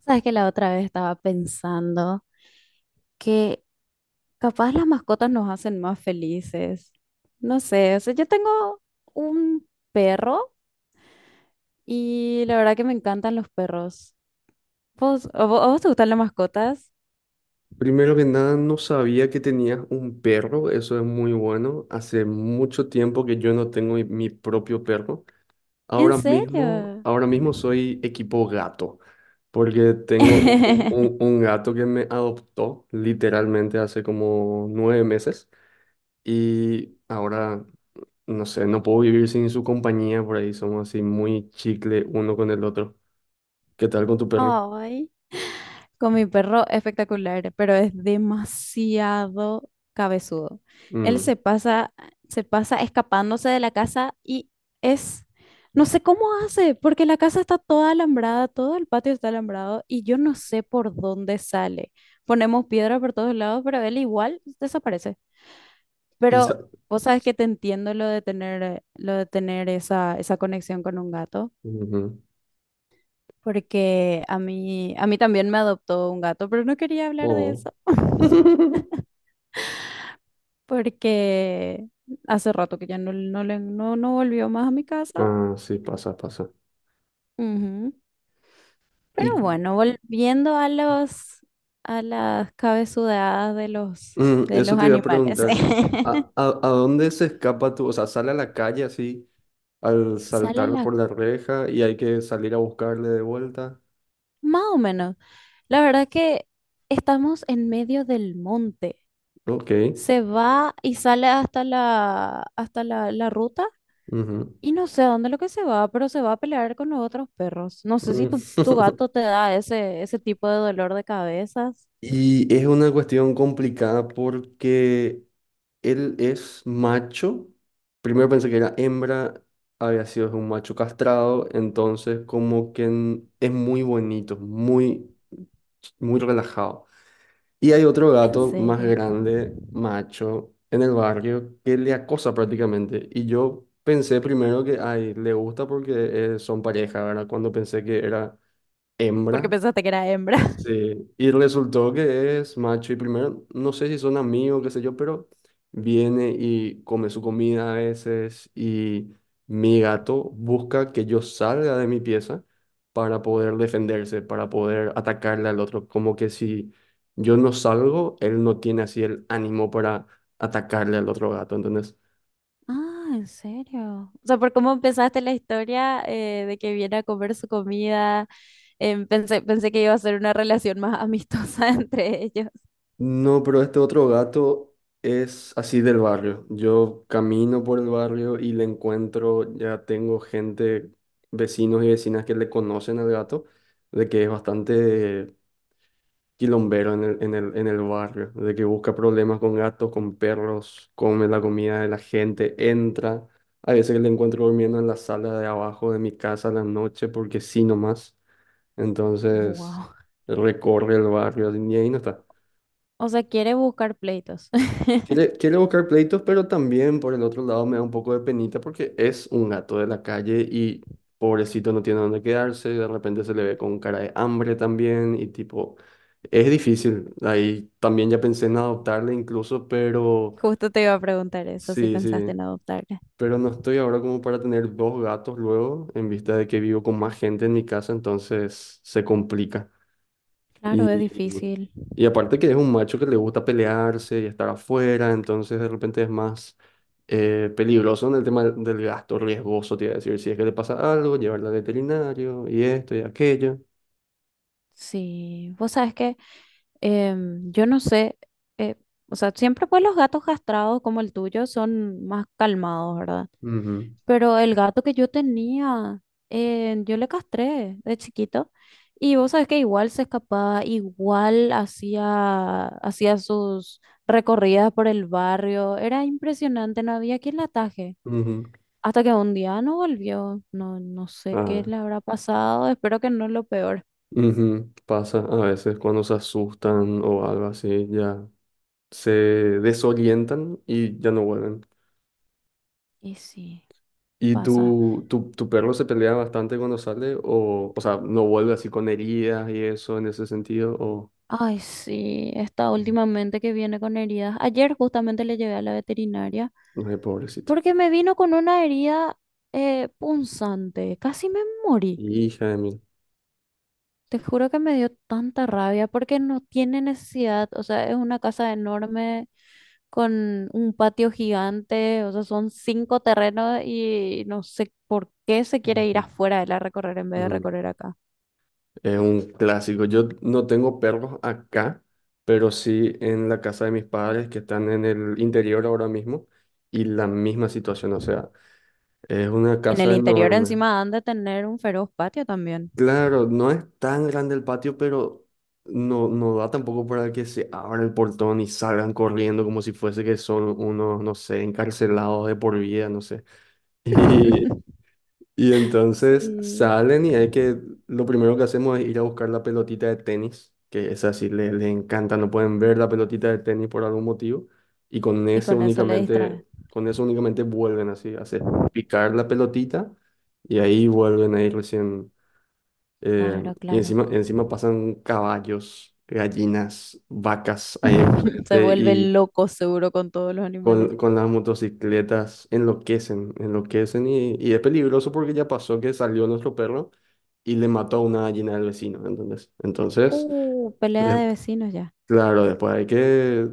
Sabes que la otra vez estaba pensando que capaz las mascotas nos hacen más felices. No sé, o sea, yo tengo un perro y la verdad que me encantan los perros. ¿Vos, a vos te gustan las mascotas? Primero que nada, no sabía que tenías un perro, eso es muy bueno. Hace mucho tiempo que yo no tengo mi propio perro. ¿En Ahora mismo, serio? ahora mismo soy equipo gato, porque tengo u- u- u- un, gato que me adoptó literalmente hace como 9 meses y ahora, no sé, no puedo vivir sin su compañía, por ahí somos así muy chicle uno con el otro. ¿Qué tal con tu perro? Ay. Con mi perro espectacular, pero es demasiado cabezudo. Él Mm. Se pasa escapándose de la casa y es, no sé cómo hace, porque la casa está toda alambrada, todo el patio está alambrado y yo no sé por dónde sale. Ponemos piedra por todos lados, pero él igual desaparece. Y sa- Pero vos sabes que te entiendo lo de tener esa conexión con un gato Ujú. porque a mí también me adoptó un gato, pero no quería hablar de Oh. eso, porque hace rato que no volvió más a mi casa. Ah, sí, pasa, pasa. Ujú. Y Pero bueno, a las cabezudadas de eso los te iba a animales. preguntar, ¿a, a, a dónde se escapa tú? O sea, sale a la calle así al Sale saltar la, por la reja y hay que salir a buscarle de vuelta. más o menos. La verdad que estamos en medio del monte. Ok. Se va y sale hasta la ruta. Ujú, Y no sé a dónde lo que se va, pero se va a pelear con los otros perros. No sé si tu mm. gato te da ese tipo de dolor de cabezas. Y es una cuestión complicada porque él es macho. Primero pensé que era hembra, había sido un macho castrado, entonces como que es muy bonito, muy, muy relajado. Y hay otro En gato más serio. grande, macho, en el barrio que le acosa prácticamente. Y yo pensé primero que, ay, le gusta porque son pareja, ¿verdad? Cuando pensé que era Porque hembra. pensaste que era hembra. Sí, y resultó que es macho y primero, no sé si son amigos, qué sé yo, pero viene y come su comida a veces y mi gato busca que yo salga de mi pieza para poder defenderse, para poder atacarle al otro, como que si yo no salgo, él no tiene así el ánimo para atacarle al otro gato, entonces... Ah, en serio. O sea, por cómo empezaste la historia, de que viene a comer su comida, pensé que iba a ser una relación más amistosa entre ellos. No, pero este otro gato es así del barrio. Yo camino por el barrio y le encuentro, ya tengo gente, vecinos y vecinas que le conocen al gato, de que es bastante quilombero en el barrio, de que busca problemas con gatos, con perros, come la comida de la gente, entra. A veces le encuentro durmiendo en la sala de abajo de mi casa a la noche porque sí nomás. Entonces Wow. recorre el barrio y ahí no está. O sea, quiere buscar pleitos. Quiere buscar pleitos, pero también por el otro lado me da un poco de penita porque es un gato de la calle y pobrecito no tiene dónde quedarse, de repente se le ve con cara de hambre también y tipo, es difícil. Ahí también ya pensé en adoptarle incluso, pero Justo te iba a preguntar eso, si sí, sí, pensaste en adoptarle. pero no estoy ahora como para tener 2 gatos luego en vista de que vivo con más gente en mi casa, entonces se complica. Claro, es Y difícil. y aparte que es un macho que le gusta pelearse y estar afuera, entonces de repente es más peligroso en el tema del gasto, riesgoso, te iba a decir, si es que le pasa algo, llevarla al veterinario y esto y aquello. Sí, vos sabes que... yo no sé, eh, o sea, siempre pues los gatos castrados como el tuyo son más calmados, ¿verdad? Ujú, Pero el gato que yo tenía, yo le castré de chiquito y vos sabés que igual se escapaba, igual hacía sus recorridas por el barrio, era impresionante, no había quien la ataje. ujú. Hasta que un día no volvió, no, no sé qué Ah, le habrá pasado, espero que no lo peor. ujú. Pasa a veces cuando se asustan o algo así, ya se desorientan y ya no vuelven. Y sí, ¿Y pasa. tu perro se pelea bastante cuando sale? O sea, ¿no vuelve así con heridas y eso en ese sentido? O... Ay, sí, está Mm. últimamente que viene con heridas. Ayer justamente le llevé a la veterinaria Ay, pobrecito. porque me vino con una herida punzante. Casi me morí. Hija de mí. Te juro que me dio tanta rabia porque no tiene necesidad. O sea, es una casa enorme con un patio gigante. O sea, son cinco terrenos y no sé por qué se quiere ir Ujú. afuera de la recorrer en vez de Mm. recorrer acá. Es un clásico. Yo no tengo perros acá, pero sí en la casa de mis padres que están en el interior ahora mismo y la misma situación. O sea, es una En el casa interior enorme. encima han de tener un feroz patio también. Claro, no es tan grande el patio, pero no, no da tampoco para que se abra el portón y salgan corriendo como si fuese que son unos, no sé, encarcelados de por vida, no sé. Y entonces Sí. salen y hay que, lo primero que hacemos es ir a buscar la pelotita de tenis, que esa sí le encanta, no pueden ver la pelotita de tenis por algún motivo, y con Y ese con eso le únicamente, distrae. con eso únicamente vuelven así, hacer picar la pelotita y ahí vuelven ahí recién, eh, Claro, y claro. encima, encima pasan caballos, gallinas, vacas ahí Se enfrente vuelve y loco seguro con todos los animales. con las motocicletas enloquecen, enloquecen y es peligroso porque ya pasó que salió nuestro perro y le mató a una gallina del vecino, ¿entendés? Entonces, Pelea de- de vecinos ya. claro, después hay que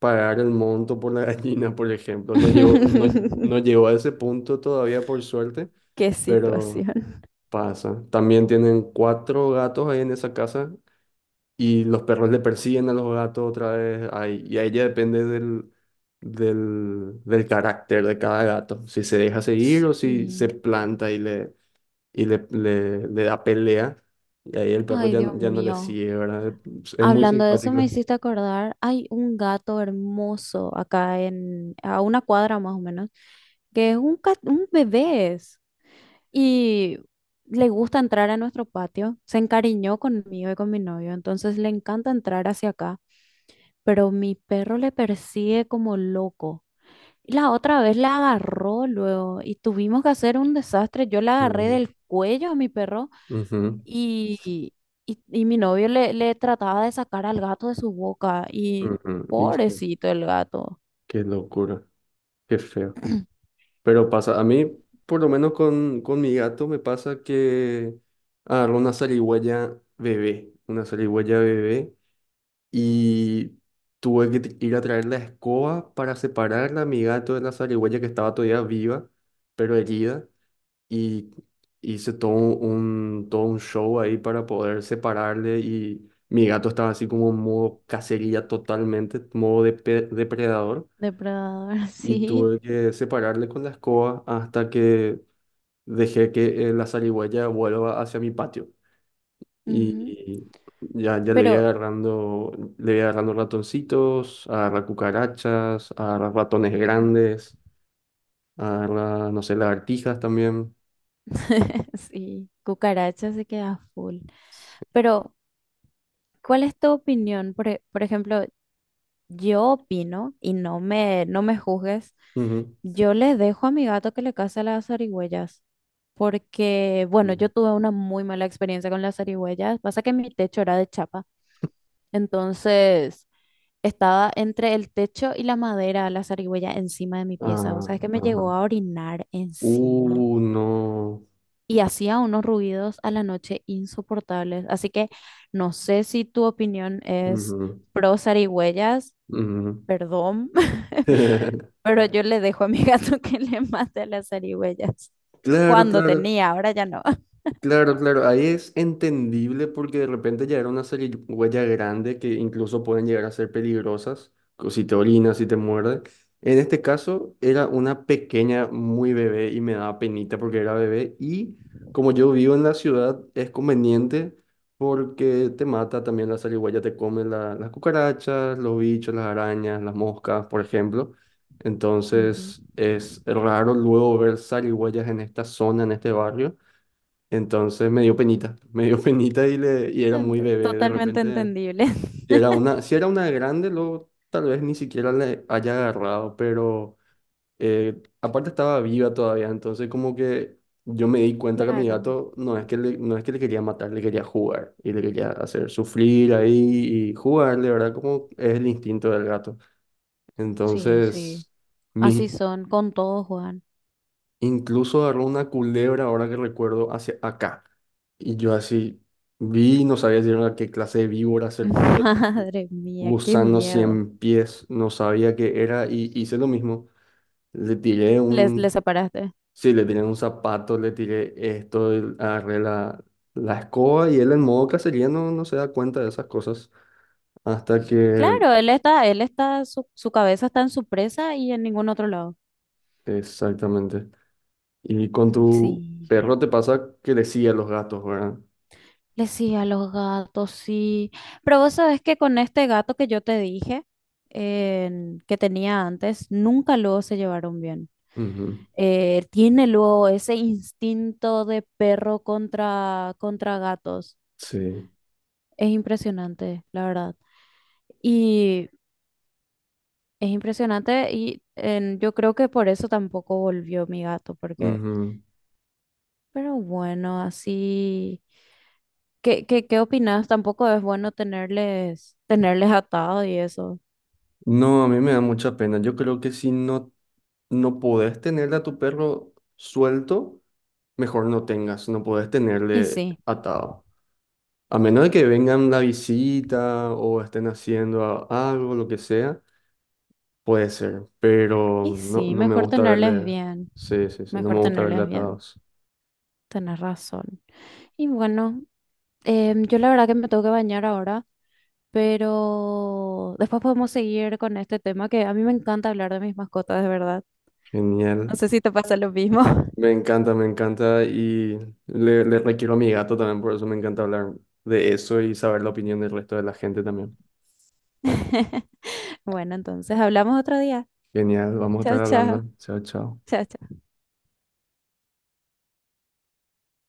pagar el monto por la gallina, por ejemplo. No llegó, no, no llegó a ese punto todavía, por suerte, Qué pero situación. pasa. También tienen 4 gatos ahí en esa casa y los perros le persiguen a los gatos otra vez. Ahí, y a ella depende del carácter de cada gato. Si se deja seguir o si Y, se planta y le, y le da pelea. Y ahí el perro ay, ya, Dios ya no le mío. sigue, ¿verdad? Es muy Hablando de eso, me simpático. hiciste acordar, hay un gato hermoso acá en, a una cuadra más o menos, que es un, cat- un bebé. Es. Y le gusta entrar a nuestro patio. Se encariñó conmigo y con mi novio, entonces le encanta entrar hacia acá. Pero mi perro le persigue como loco. Y la otra vez la agarró luego y tuvimos que hacer un desastre. Yo la agarré Ujú, del cuello a mi perro ujú, y, y y mi novio le trataba de sacar al gato de su boca y ujú. Hijo, pobrecito el gato. qué locura, qué feo. Pero pasa, a mí, por lo menos con mi gato, me pasa que agarró una zarigüeya bebé y tuve que ir a traer la escoba para separarla a mi gato de la zarigüeya que estaba todavía viva, pero herida. Y hice todo un show ahí para poder separarle y mi gato estaba así como en modo cacería totalmente, modo depredador. Depredador, Y sí. tuve que separarle con la escoba hasta que dejé que la zarigüeya vuelva hacia mi patio. Ujú. Y ya Pero le voy agarrando ratoncitos, agarrar cucarachas, agarrar ratones ujú. grandes, agarrar, no sé, lagartijas también. Sí, cucaracha se queda full. Pero, ¿cuál es tu opinión? Por, por ejemplo, yo opino, y no me juzgues, Ujú, yo le dejo a mi gato que le case las zarigüeyas, porque, bueno, yo ujú. tuve una muy mala experiencia con las zarigüeyas. Pasa que mi techo era de chapa, entonces estaba entre el techo y la madera la zarigüeya encima de mi pieza. O Ah, sea, es que me ajá. llegó a orinar encima No. y hacía unos ruidos a la noche insoportables. Así que no sé si tu opinión es Ujú, pro zarigüeyas, ujú. perdón, pero yo le dejo a mi gato que le mate a las zarigüeyas. Claro, Cuando claro. tenía, ahora ya no. Claro, claro, ahí es entendible porque de repente ya era una huella grande que incluso pueden llegar a ser peligrosas, si te orina, si te muerde. En este caso era una pequeña, muy bebé y me daba penita porque era bebé y como yo vivo en la ciudad es conveniente porque te mata también la zarigüeya, te come las cucarachas, los bichos, las arañas, las moscas, por ejemplo. Ujú. Entonces es raro luego ver zarigüeyas en esta zona, en este barrio. Entonces me dio penita, me dio penita y, le, y era muy bebé. De Totalmente repente, entendible. si era una, si era una grande, luego tal vez ni siquiera le haya agarrado, pero aparte estaba viva todavía, entonces como que yo me di cuenta que a mi Claro, gato no es que le, no es que le quería matar, le quería jugar y le quería hacer sufrir ahí y jugarle, ¿verdad? Como es el instinto del gato. sí, sí. Entonces, mis... Así son con todo, Juan. Incluso agarró una culebra, ahora que recuerdo, hacia acá. Y yo así vi, no sabía si era qué clase de víbora, serpiente, Madre mía, qué gusano miedo. 100 pies, no sabía qué era y hice lo mismo. Le tiré Les un, separaste. sí, le tiré un zapato, le tiré esto, agarré la, la escoba y él en modo cacería no, no se da cuenta de esas cosas hasta que, Claro, él está, su cabeza está en su presa y en ningún otro lado. exactamente. Y con tu Sí. perro te pasa que le sigue a los gatos, ¿verdad? Le sí a los gatos, sí. Pero vos sabés que con este gato que yo te dije, que tenía antes, nunca luego se llevaron bien. Ujú. Tiene luego ese instinto de perro contra gatos. Sí. Es impresionante, la verdad. Y es impresionante y yo creo que por eso tampoco volvió mi gato, porque... Ujú. Pero bueno, así, qué opinas? Tampoco es bueno tenerles atado y eso. No, a mí me da mucha pena. Yo creo que si no, no podés tenerle a tu perro suelto, mejor no tengas, no podés Y tenerle sí, atado. A menos de que vengan la visita o estén haciendo algo, lo que sea, puede ser, pero y no, sí, no me gusta verle, sí, sí, sí, no mejor me gusta verle tenerles bien, atados. tenés razón. Y bueno, yo la verdad que me tengo que bañar ahora, pero después podemos seguir con este tema que a mí me encanta hablar de mis mascotas, de verdad. No Genial. sé si te pasa lo mismo. Me encanta y le requiero a mi gato también, por eso me encanta hablar de eso y saber la opinión del resto de la gente también. Bueno, entonces hablamos otro día. Genial, vamos a estar Chao, hablando. chao. Chao, chao. Chao, chao.